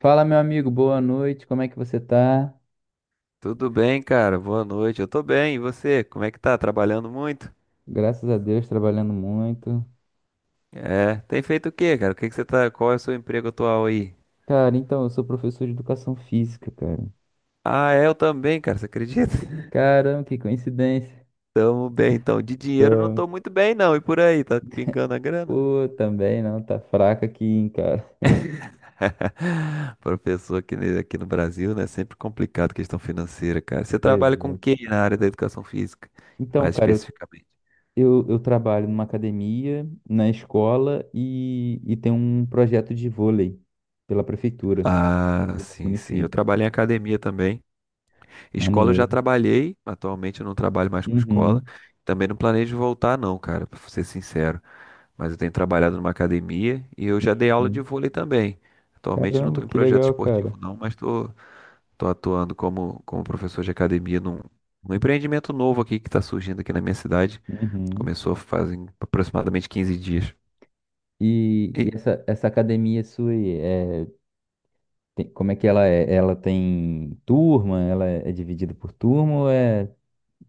Fala, meu amigo, boa noite. Como é que você tá? Tudo bem, cara? Boa noite. Eu tô bem. E você? Como é que tá? Trabalhando muito? Graças a Deus, trabalhando muito. É. Tem feito o quê, cara? O que que você tá? Qual é o seu emprego atual aí? Cara, então, eu sou professor de educação física, cara. Ah, é, eu também, cara. Você acredita? Caramba, que coincidência. Tamo bem, então. De dinheiro não Então, tô muito bem, não. E por aí? Tá pingando a grana? pô, também não, tá fraca aqui, hein, cara. Professor aqui, aqui no Brasil, né? Sempre complicado questão financeira, cara. Você trabalha com Exato. quem na área da educação física? Então, Mais cara, eu, especificamente. eu, eu trabalho numa academia, na escola e tem um projeto de vôlei pela prefeitura Ah, aqui do sim, sim. Eu município. trabalho em academia também. Escola eu Maneiro. já trabalhei, atualmente eu não trabalho mais com escola. Uhum. Também não planejo voltar, não, cara, pra ser sincero. Mas eu tenho trabalhado numa academia e eu já dei Sim, aula de sim. vôlei também. Atualmente eu não Caramba, estou em que projeto legal, cara. esportivo, não, mas estou tô atuando como, como professor de academia num empreendimento novo aqui que está surgindo aqui na minha cidade. Uhum. Começou fazem aproximadamente 15 dias. E, E essa, essa academia sua, aí, é, tem- como é que ela é? Ela tem turma? Ela é dividida por turma? Ou é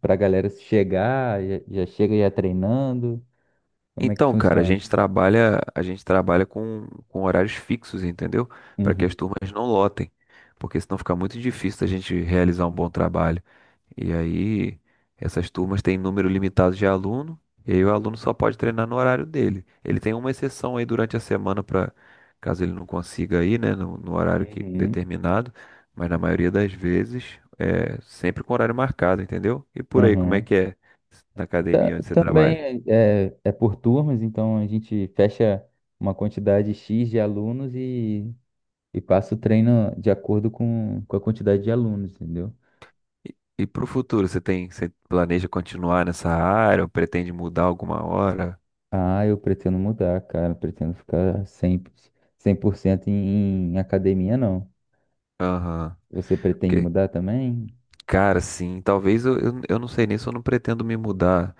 pra galera chegar, já, já chega já treinando? Como é que Então, cara, a funciona? gente trabalha, a gente trabalha com horários fixos, entendeu? Para que as Uhum, turmas não lotem, porque senão fica muito difícil a gente realizar um bom trabalho. E aí, essas turmas têm número limitado de aluno, e aí o aluno só pode treinar no horário dele. Ele tem uma exceção aí durante a semana para caso ele não consiga ir, né, no horário que, uhum, determinado, mas na maioria das vezes é sempre com horário marcado, entendeu? E por aí, como é uhum. que é na academia onde você trabalha? Também é, é por turmas, então a gente fecha uma quantidade X de alunos e passa o treino de acordo com a quantidade de alunos, entendeu? E para o futuro, você tem, você planeja continuar nessa área ou pretende mudar alguma hora? Ah, eu pretendo mudar, cara. Pretendo ficar 100%, 100% em, em academia, não. Aham. Você pretende que mudar também? Cara, sim, talvez eu não sei nem se eu não pretendo me mudar,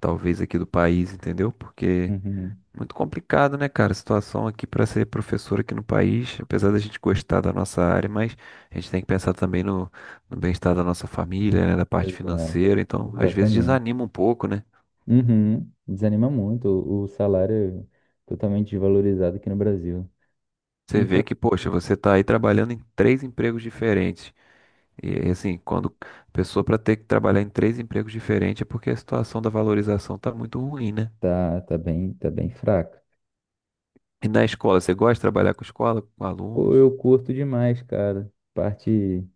talvez aqui do país, entendeu? Porque Uhum. é muito complicado, né, cara? A situação aqui para ser professor aqui no país, apesar da gente gostar da nossa área, mas a gente tem que pensar também no bem-estar da nossa família, né, da parte Exato, financeira. Então, às vezes exatamente. desanima um pouco, né? Uhum. Desanima muito. O salário é totalmente desvalorizado aqui no Brasil. Você E vê pra... que, poxa, você tá aí trabalhando em três empregos diferentes. E assim, quando a pessoa para ter que trabalhar em três empregos diferentes é porque a situação da valorização tá muito ruim, né? tá, tá bem fraco. E na escola, você gosta de trabalhar com escola, com Pô, alunos? eu curto demais, cara. Parte.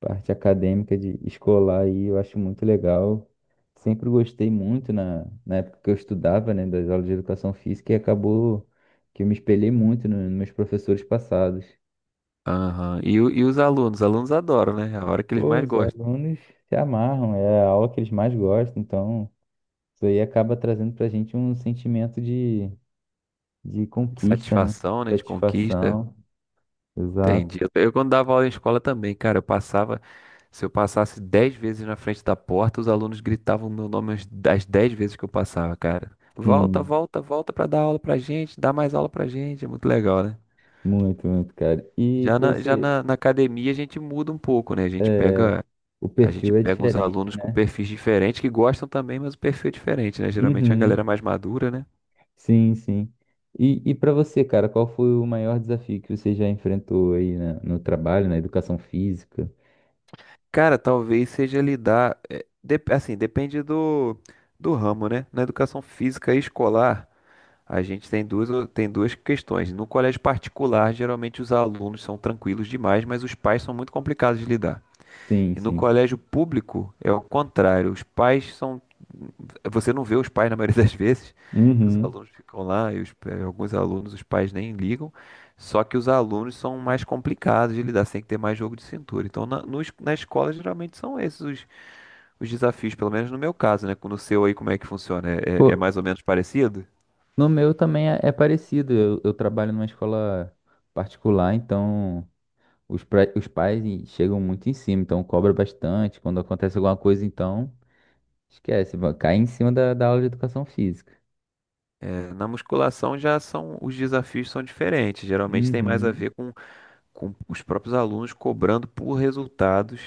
Parte acadêmica de escolar aí, eu acho muito legal. Sempre gostei muito na, na época que eu estudava, né, das aulas de educação física e acabou que eu me espelhei muito no- nos meus professores passados. Aham. E, e os alunos? Os alunos adoram, né? É a hora que eles Pô, mais os gostam. alunos se amarram, é a aula que eles mais gostam, então isso aí acaba trazendo pra gente um sentimento de De conquista, né? satisfação, né? De conquista. Satisfação, exato. Entendi. Eu quando dava aula em escola também, cara, eu passava. Se eu passasse dez vezes na frente da porta, os alunos gritavam meu nome as das dez vezes que eu passava, cara. Volta, Sim, volta, volta pra dar aula pra gente, dá mais aula pra gente. É muito legal, né? muito, muito, cara. E Já pra na, já você, na, na academia a gente muda um pouco, né? É, o A gente perfil é pega uns diferente, alunos com né? perfis diferentes que gostam também, mas o perfil é diferente, né? Geralmente é uma galera Uhum. mais madura, né? Sim, sim. E para você, cara, qual foi o maior desafio que você já enfrentou aí na- no trabalho, na educação física? Cara, talvez seja lidar, é, assim, depende do, do ramo, né? Na educação física e escolar, a gente tem tem duas questões. No colégio particular, geralmente os alunos são tranquilos demais, mas os pais são muito complicados de lidar. Sim, E no sim. colégio público é o contrário. Os pais são. Você não vê os pais na maioria das vezes, que os Uhum. alunos ficam lá e alguns alunos, os pais nem ligam. Só que os alunos são mais complicados de lidar, você tem que ter mais jogo de cintura. Então, na, no es- na escola, geralmente são esses os desafios, pelo menos no meu caso, né? No seu aí, como é que funciona? É, Pô, é mais ou menos parecido? no meu também é, é parecido. Eu trabalho numa escola particular, então os, pra- os pais e- chegam muito em cima, então cobra bastante. Quando acontece alguma coisa, então esquece, vai- cai em cima da, da aula de educação física. É, na musculação os desafios são diferentes. Geralmente tem mais a Uhum. ver com os próprios alunos cobrando por resultados,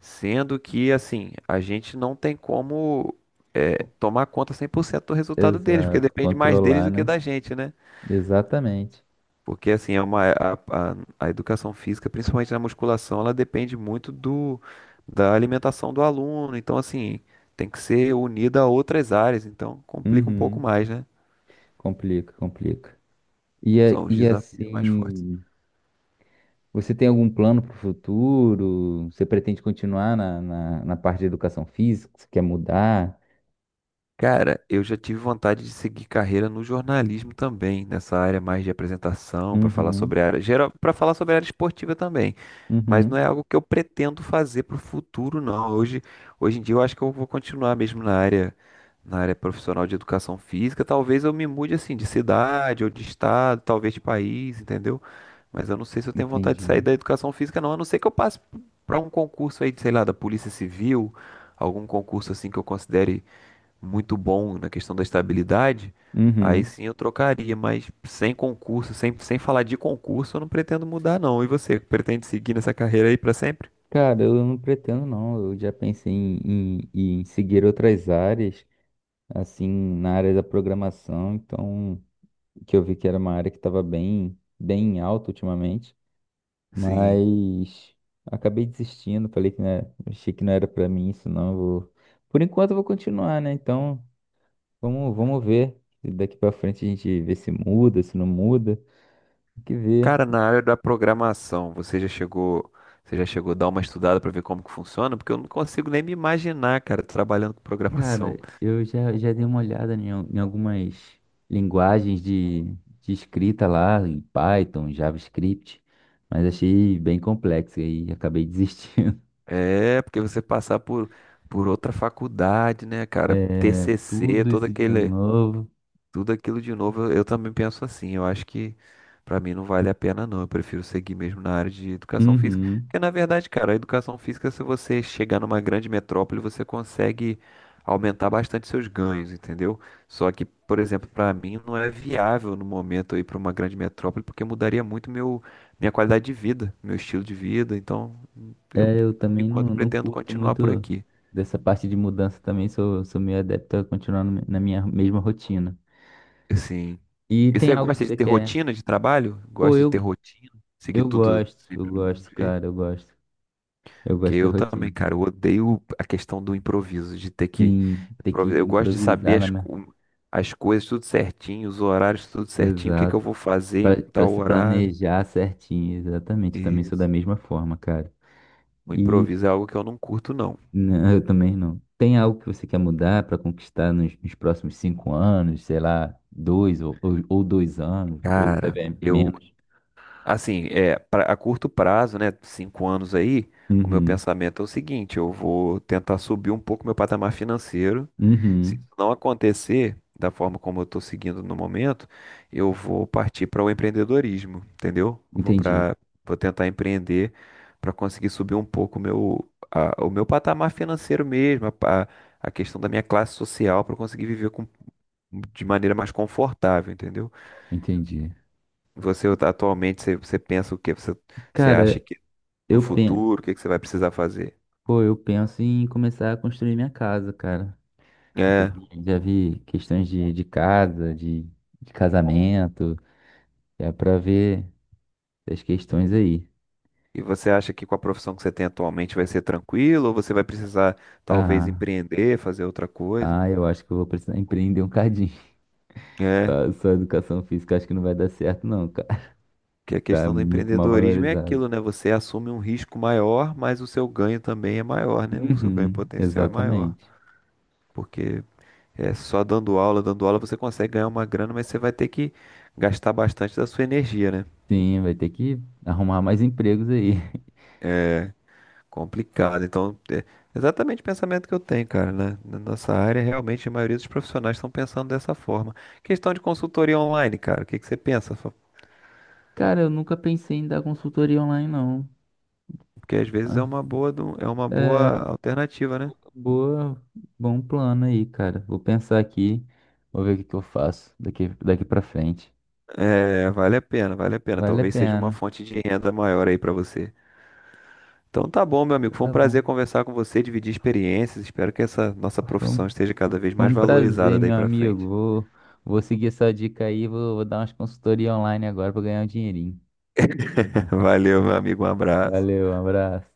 sendo que, assim, a gente não tem como é, tomar conta 100% do resultado deles, porque Exato, depende mais deles controlar, do que né? da gente, né? Exatamente. Porque, assim, é a educação física, principalmente na musculação, ela depende muito da alimentação do aluno, então, assim, tem que ser unida a outras áreas, então complica um pouco Uhum. mais, né? Complica, complica. E, a- São os e desafios mais fortes. assim, você tem algum plano para o futuro? Você pretende continuar na, na, na parte de educação física? Você quer mudar? Cara, eu já tive vontade de seguir carreira no jornalismo também, nessa área mais de apresentação, para falar Uhum, sobre a área geral, para falar sobre a área esportiva também. Mas não uhum, é algo que eu pretendo fazer para o futuro, não. Hoje em dia eu acho que eu vou continuar mesmo na área profissional de educação física. Talvez eu me mude assim de cidade ou de estado, talvez de país, entendeu? Mas eu não sei se eu tenho vontade de sair entendi. da educação física, não. A não ser que eu passe para um concurso aí, de, sei lá, da Polícia Civil, algum concurso assim que eu considere muito bom na questão da estabilidade, aí Uhum. sim eu trocaria, mas sem concurso, sem, sem falar de concurso, eu não pretendo mudar, não. E você, pretende seguir nessa carreira aí para sempre? Cara, eu não pretendo não. Eu já pensei em seguir outras áreas, assim, na área da programação. Então, que eu vi que era uma área que estava bem, bem em alta ultimamente. Sim. Mas acabei desistindo, falei que não era- achei que não era pra mim isso não, eu vou. Por enquanto eu vou continuar, né? Então, vamos, vamos ver. Se Daqui pra frente a gente vê se muda, se não muda. Tem que ver. Cara, na área da programação, você já chegou a dar uma estudada para ver como que funciona? Porque eu não consigo nem me imaginar, cara, trabalhando com Cara, programação. eu já, já dei uma olhada em, al- em algumas linguagens de escrita lá, em Python, JavaScript, mas achei bem complexo e aí acabei desistindo. É, porque você passar por outra faculdade, né, cara? É, TCC, tudo isso de novo. tudo aquilo de novo, eu também penso assim. Eu acho que pra mim não vale a pena, não. Eu prefiro seguir mesmo na área de educação física. Uhum. Porque, na verdade, cara, a educação física, se você chegar numa grande metrópole, você consegue aumentar bastante seus ganhos, entendeu? Só que, por exemplo, pra mim não é viável no momento eu ir pra uma grande metrópole, porque mudaria muito minha qualidade de vida, meu estilo de vida. Então, eu, É, eu por também enquanto, não, não pretendo curto continuar por muito aqui. dessa parte de mudança também, sou, sou meio adepto a continuar no- na minha mesma rotina. Sim. E E tem você algo que gosta de você ter quer? rotina de trabalho? Pô, Gosta de ter rotina? Seguir tudo eu sempre do mesmo gosto, jeito? cara, eu gosto. Eu Porque gosto de ter eu também, rotina. cara, eu odeio a questão do improviso, de ter que. Sim, ter que Eu gosto de improvisar saber na minha... as coisas tudo certinho, os horários tudo certinho, o que que eu Exato. vou fazer em Pra, pra tal se horário. planejar certinho, exatamente. Eu também sou da Isso. mesma forma, cara. O improviso é algo que eu não curto, não. Não, eu também não. Tem algo que você quer mudar para conquistar nos, nos próximos 5 anos, sei lá, dois ou 2 anos, ou Cara, até eu. menos? Assim, é, a curto prazo, né? Cinco anos aí, o meu Uhum, pensamento é o seguinte: eu vou tentar subir um pouco meu patamar financeiro. Se isso uhum. não acontecer da forma como eu estou seguindo no momento, eu vou partir para o empreendedorismo, entendeu? Eu vou Entendi, para, vou tentar empreender para conseguir subir um pouco o o meu patamar financeiro mesmo, a questão da minha classe social para conseguir viver de maneira mais confortável, entendeu? entendi. Você atualmente, você pensa o quê? Você, você acha Cara, que no eu penso, futuro, o que que você vai precisar fazer? pô, eu penso em começar a construir minha casa, cara. É, Já vi questões de casa, de casamento, é para ver as questões aí. e você acha que com a profissão que você tem atualmente vai ser tranquilo ou você vai precisar talvez Ah, empreender, fazer outra coisa? ah, eu acho que eu vou precisar empreender um cadinho. É, Só educação física acho que não vai dar certo, não, cara. que a Tá questão do muito mal empreendedorismo é valorizado. aquilo, né? Você assume um risco maior, mas o seu ganho também é maior, né? O seu ganho Uhum, potencial é maior, exatamente. porque é só dando aula você consegue ganhar uma grana, mas você vai ter que gastar bastante da sua energia, né? Sim, vai ter que arrumar mais empregos aí. Complicado. Então, é exatamente o pensamento que eu tenho, cara, né? Na nossa área, realmente a maioria dos profissionais estão pensando dessa forma. Questão de consultoria online, cara, o que que você pensa? Fa- Cara, eu nunca pensei em dar consultoria online, não. Porque às vezes é Mas, é uma boa É, alternativa, né? boa, bom plano aí, cara. Vou pensar aqui, vou ver o que que eu faço daqui, daqui pra frente. É, vale a pena, vale a pena. Vale a Talvez seja uma pena. fonte de renda maior aí pra você. Então tá bom, meu amigo. Foi um Tá bom. prazer conversar com você, dividir experiências. Espero que essa nossa Foi um, profissão esteja cada vez foi mais um valorizada prazer, daí meu pra amigo. frente. Vou, vou seguir essa dica aí, vou, vou dar umas consultorias online agora pra ganhar um dinheirinho. Valeu, meu amigo. Um abraço. Valeu, um abraço.